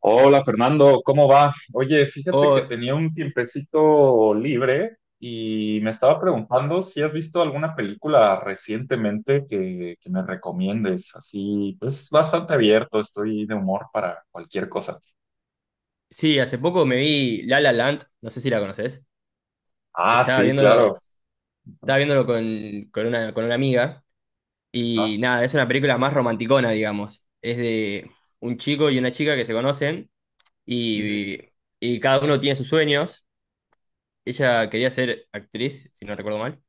Hola Fernando, ¿cómo va? Oye, fíjate que O, tenía un tiempecito libre y me estaba preguntando si has visto alguna película recientemente que me recomiendes. Así, pues bastante abierto, estoy de humor para cualquier cosa. sí, hace poco me vi La La Land, no sé si la conoces. Ah, Estaba sí, viéndolo, claro. Estaba viéndolo con una amiga. Y Ajá. nada, es una película más romanticona, digamos. Es de un chico y una chica que se conocen y, Ujú. y cada uno tiene sus sueños. Ella quería ser actriz, si no recuerdo mal,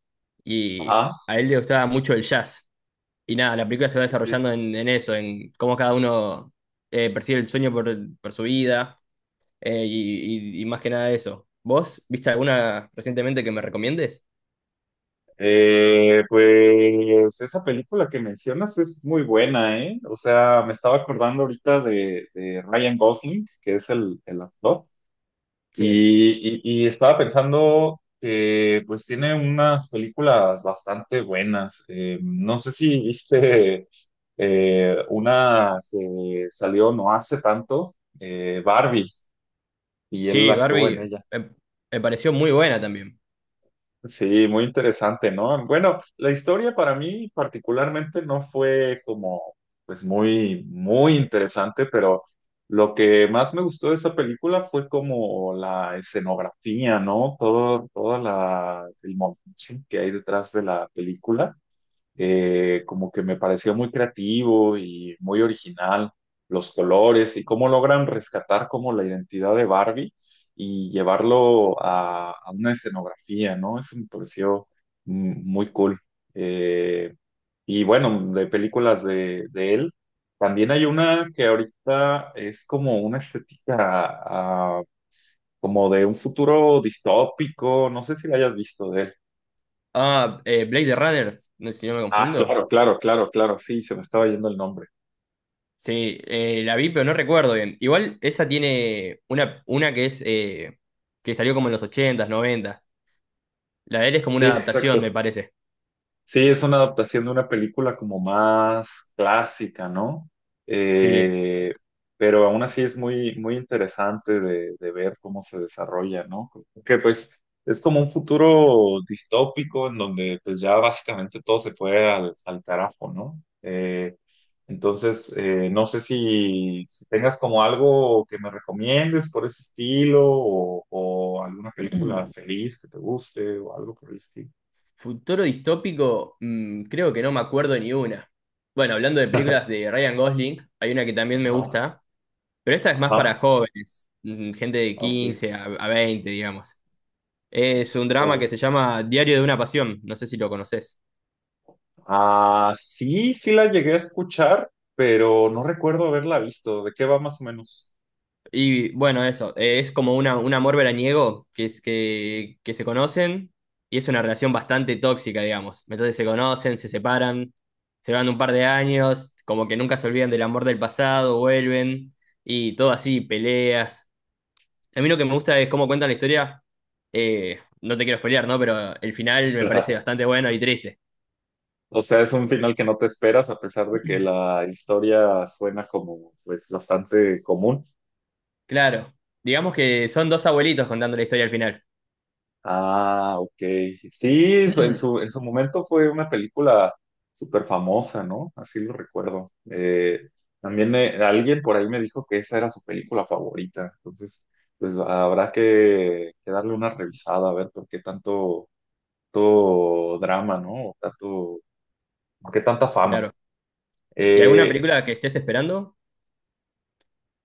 y Ajá. a él le gustaba mucho el jazz. Y nada, la película Sí, se va sí, sí. desarrollando en eso, en cómo cada uno percibe el sueño por su vida. Y más que nada eso. ¿Vos viste alguna recientemente que me recomiendes? Pues esa película que mencionas es muy buena, ¿eh? O sea, me estaba acordando ahorita de Ryan Gosling, que es el actor. Sí. Y estaba pensando que pues tiene unas películas bastante buenas. No sé si viste una que salió no hace tanto, Barbie, y él Sí, actuó en Barbie, ella. eh, pareció muy buena también. Sí, muy interesante, ¿no? Bueno, la historia para mí particularmente no fue pues muy, muy interesante, pero lo que más me gustó de esa película fue como la escenografía, ¿no? Toda el montaje que hay detrás de la película como que me pareció muy creativo y muy original los colores y cómo logran rescatar como la identidad de Barbie y llevarlo a una escenografía, ¿no? Eso me pareció muy cool. Eh, y bueno, de películas de él, también hay una que ahorita es como una estética como de un futuro distópico, no sé si la hayas visto de él. Ah, Blade Runner, no sé si no me Ah, confundo. claro, claro, claro, claro, sí, se me estaba yendo el nombre. Sí, la vi, pero no recuerdo bien. Igual esa tiene una que es que salió como en los ochentas s La de él es como Sí, una adaptación, exacto. me parece. Sí, es una adaptación de una película como más clásica, ¿no? Sí. Eh, pero aún así es muy, muy interesante de ver cómo se desarrolla, ¿no? Que pues es como un futuro distópico en donde pues ya básicamente todo se fue al carajo, ¿no? Entonces, no sé si tengas como algo que me recomiendes por ese estilo o alguna película feliz que te guste o algo por el estilo. Futuro distópico, creo que no me acuerdo ni una. Bueno, hablando de películas de Ryan Gosling, hay una que también me Ajá. gusta. Pero esta es más para Ajá, jóvenes, gente de ok. 15 a 20, digamos. Es un ¿Cuál drama que se es? llama Diario de una Pasión, no sé si lo conoces. Ah, sí, sí la llegué a escuchar, pero no recuerdo haberla visto. ¿De qué va más o menos? Y bueno, eso, es como un amor veraniego que se conocen y es una relación bastante tóxica, digamos. Entonces se conocen, se separan, se van un par de años, como que nunca se olvidan del amor del pasado, vuelven y todo así, peleas. A mí lo que me gusta es cómo cuentan la historia. No te quiero spoilear, ¿no? Pero el final me parece bastante bueno y triste. O sea, es un final que no te esperas, a pesar de que la historia suena como, pues, bastante común. Claro. Digamos que son dos abuelitos contando la historia al final. Ah, ok. Sí, fue- en en su momento fue una película súper famosa, ¿no? Así lo recuerdo. También alguien por ahí me dijo que esa era su película favorita. Entonces, pues habrá que darle una revisada a ver por qué tanto, tanto drama, ¿no? O tanto, por qué tanta fama. Claro. ¿Y alguna Eh, película que estés esperando?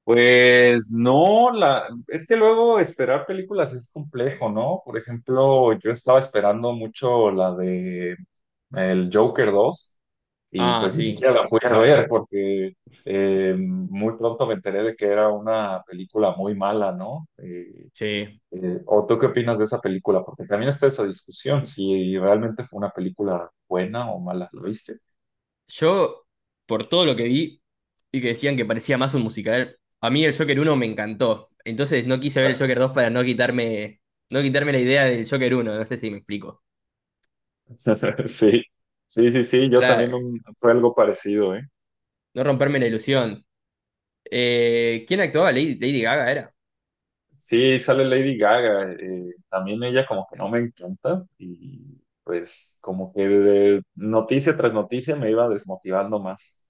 Pues no, la, es que luego esperar películas es complejo, ¿no? Por ejemplo, yo estaba esperando mucho la de el Joker 2 y Ah, pues ni sí. siquiera la fui a ver porque muy pronto me enteré de que era una película muy mala, ¿no? Sí. ¿O tú qué opinas de esa película? Porque también está esa discusión, si realmente fue una película buena o mala, ¿lo viste? Yo, por todo lo que vi y que decían que parecía más un musical, a mí el Joker uno me encantó. Entonces no quise ver el Exacto. Joker dos para no quitarme la idea del Joker uno. No sé si me explico. Sí, sí, sí, sí, yo también Para un- fue algo parecido, ¿eh? no romperme la ilusión. ¿Quién actuaba? Lady Gaga era. Sí, sale Lady Gaga. También ella como que no me encanta y pues como que de noticia tras noticia me iba desmotivando más.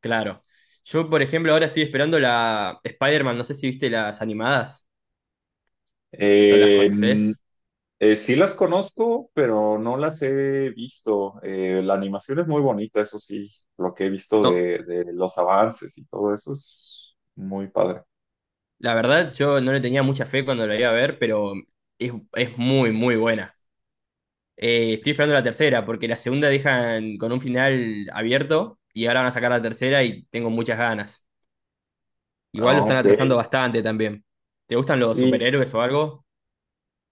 Claro. Yo, por ejemplo, ahora estoy esperando la Spider-Man, no sé si viste las animadas o las Eh, mm, conoces. Sí las conozco, pero no las he visto. La animación es muy bonita, eso sí, lo que he visto No, de los avances y todo eso es muy padre. la verdad yo no le tenía mucha fe cuando la iba a ver, pero es muy, muy buena. Estoy esperando la tercera, porque la segunda dejan con un final abierto y ahora van a sacar la tercera y tengo muchas ganas. Igual lo Ah, están ok. atrasando bastante también. ¿Te gustan los ¿Y superhéroes o algo?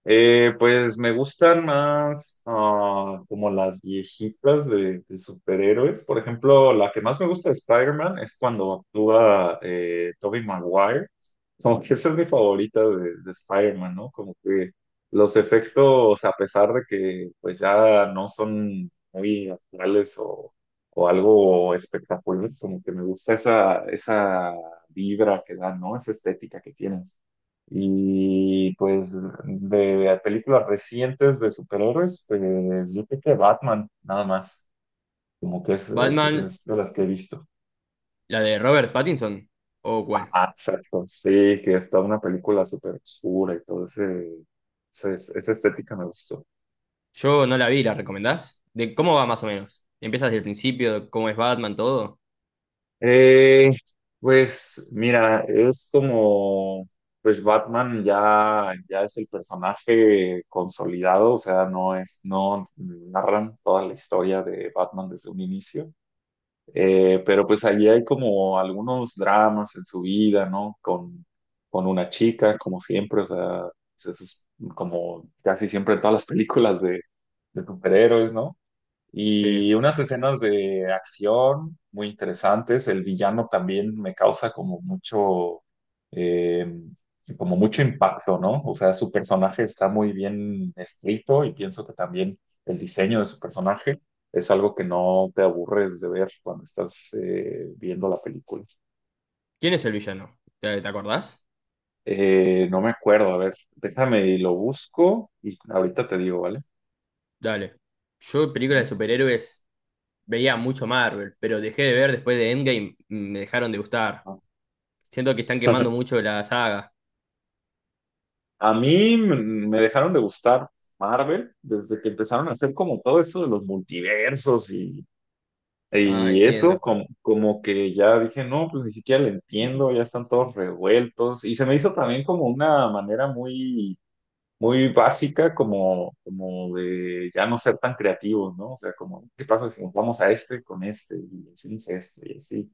Pues me gustan más como las viejitas de superhéroes. Por ejemplo, la que más me gusta de Spider-Man es cuando actúa Tobey Maguire. Como que esa es mi favorita de Spider-Man, ¿no? Como que los efectos, a pesar de que pues ya no son muy actuales o algo espectacular, como que me gusta esa vibra que dan, ¿no? Esa estética que tienen. Y pues de películas recientes de superhéroes, pues yo creo que Batman, nada más. Como que ¿Batman, es de las que he visto. la de Robert Pattinson? ¿O cuál? Ah, exacto. Sí, que está una película súper oscura y todo esa estética me gustó. Yo no la vi, ¿la recomendás? ¿De cómo va más o menos? ¿Empiezas desde el principio? ¿Cómo es Batman, todo? Eh, pues mira, es como, pues Batman ya es el personaje consolidado, o sea, no es, no narran toda la historia de Batman desde un inicio. Pero pues allí hay como algunos dramas en su vida, ¿no? Con una chica, como siempre, o sea, pues, eso es como casi siempre en todas las películas de superhéroes, ¿no? Sí. Y unas escenas de acción muy interesantes. El villano también me causa eh, como mucho impacto, ¿no? O sea, su personaje está muy bien escrito y pienso que también el diseño de su personaje es algo que no te aburre de ver cuando estás viendo la película. ¿Quién es el villano? ¿Te acordás? No me acuerdo, a ver, déjame y lo busco y ahorita te digo, ¿vale? Dale. Yo películas Ujú. de superhéroes veía mucho Marvel, pero dejé de ver después de Endgame, me dejaron de gustar. Siento que están quemando Ah. mucho la saga. A mí me dejaron de gustar Marvel desde que empezaron a hacer como todo eso de los multiversos Ah, y eso, entiendo. como, como que ya dije, no, pues ni siquiera lo entiendo, ya están todos revueltos. Y se me hizo también como una manera muy, muy básica, como, como de ya no ser tan creativos, ¿no? O sea, como, ¿qué pasa si nos vamos a este con este y hacemos este y así?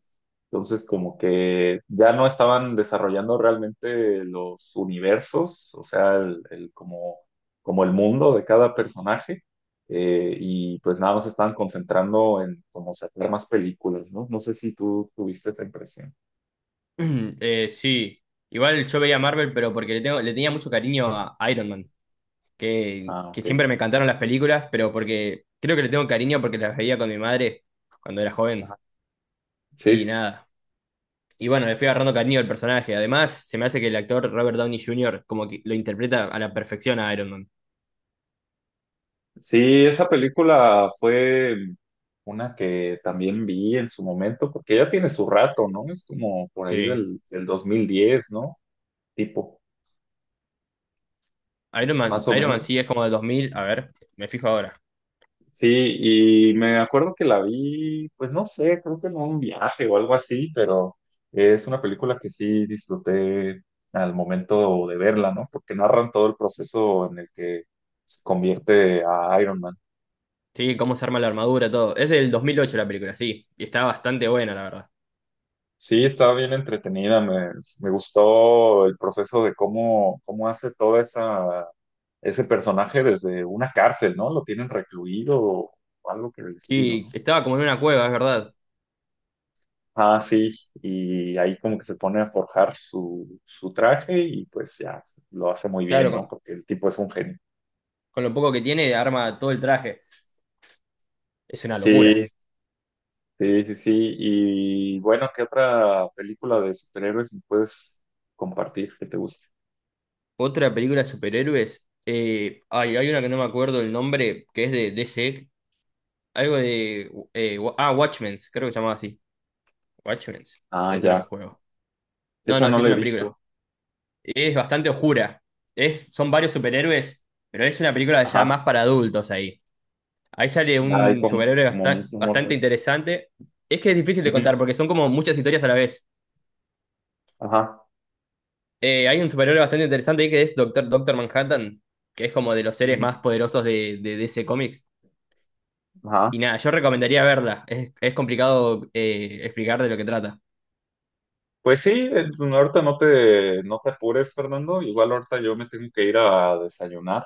Entonces, como que ya no estaban desarrollando realmente los universos, o sea, el como, como el mundo de cada personaje, y pues nada más estaban concentrando en como sacar más películas, ¿no? No sé si tú tuviste esa impresión. Sí. Igual yo veía Marvel, pero porque le tenía mucho cariño a Iron Man, que, Ah, que ok. siempre me encantaron las películas, pero porque creo que le tengo cariño porque las veía con mi madre cuando era joven. Ajá. Y Sí, nada. Y bueno, le fui agarrando cariño al personaje. Además, se me hace que el actor Robert Downey Jr. como que lo interpreta a la perfección a Iron Man. sí, esa película fue una que también vi en su momento, porque ya tiene su rato, ¿no? Es como por ahí Sí. Del 2010, ¿no? Tipo, Iron Man, más o Iron Man sí es menos. como del 2000. A ver, me fijo ahora. Sí, y me acuerdo que la vi, pues no sé, creo que en un viaje o algo así, pero es una película que sí disfruté al momento de verla, ¿no? Porque narran todo el proceso en el que se convierte a Iron Man. Sí, cómo se arma la armadura, todo. Es del 2008 la película, sí. Y está bastante buena, la verdad. Sí, estaba bien entretenida, me gustó el proceso de cómo hace toda ese personaje desde una cárcel, ¿no? Lo tienen recluido o algo que el destino, Sí, ¿no? estaba como en una cueva, es verdad. Ah, sí, y ahí como que se pone a forjar su traje y pues ya lo hace muy bien, Claro, ¿no? con, Porque el tipo es un genio. con lo poco que tiene, arma todo el traje. Es una locura. Sí, sí, sí, sí. Y bueno, ¿qué otra película de superhéroes me puedes compartir que te guste? Otra película de superhéroes. Ay, hay una que no me acuerdo el nombre, que es de DC. Algo de... Watchmen, creo que se llamaba así. Watchmen. O Ah, eso era ya. un juego. No, Esa no, no sí es la he una película. visto. Es bastante oscura. Son varios superhéroes, pero es una película ya más Ajá. para adultos ahí. Ahí sale Hay un como, superhéroe como muchos bastante mordes. interesante. Es que es difícil de contar porque son como muchas historias a la vez. Ajá. Hay un superhéroe bastante interesante ahí que es Doctor Manhattan, que es como de los seres Ujú. más poderosos de, DC Comics. Ajá. Y nada, yo recomendaría verla. Es complicado, explicar de lo que trata. Pues sí, ahorita no te, no te apures, Fernando. Igual ahorita yo me tengo que ir a desayunar.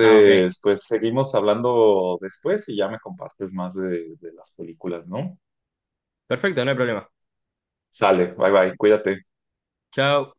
Ah, ok. pues seguimos hablando después y ya me compartes más de las películas, ¿no? Perfecto, no hay problema. Sale, bye bye, cuídate. Chao.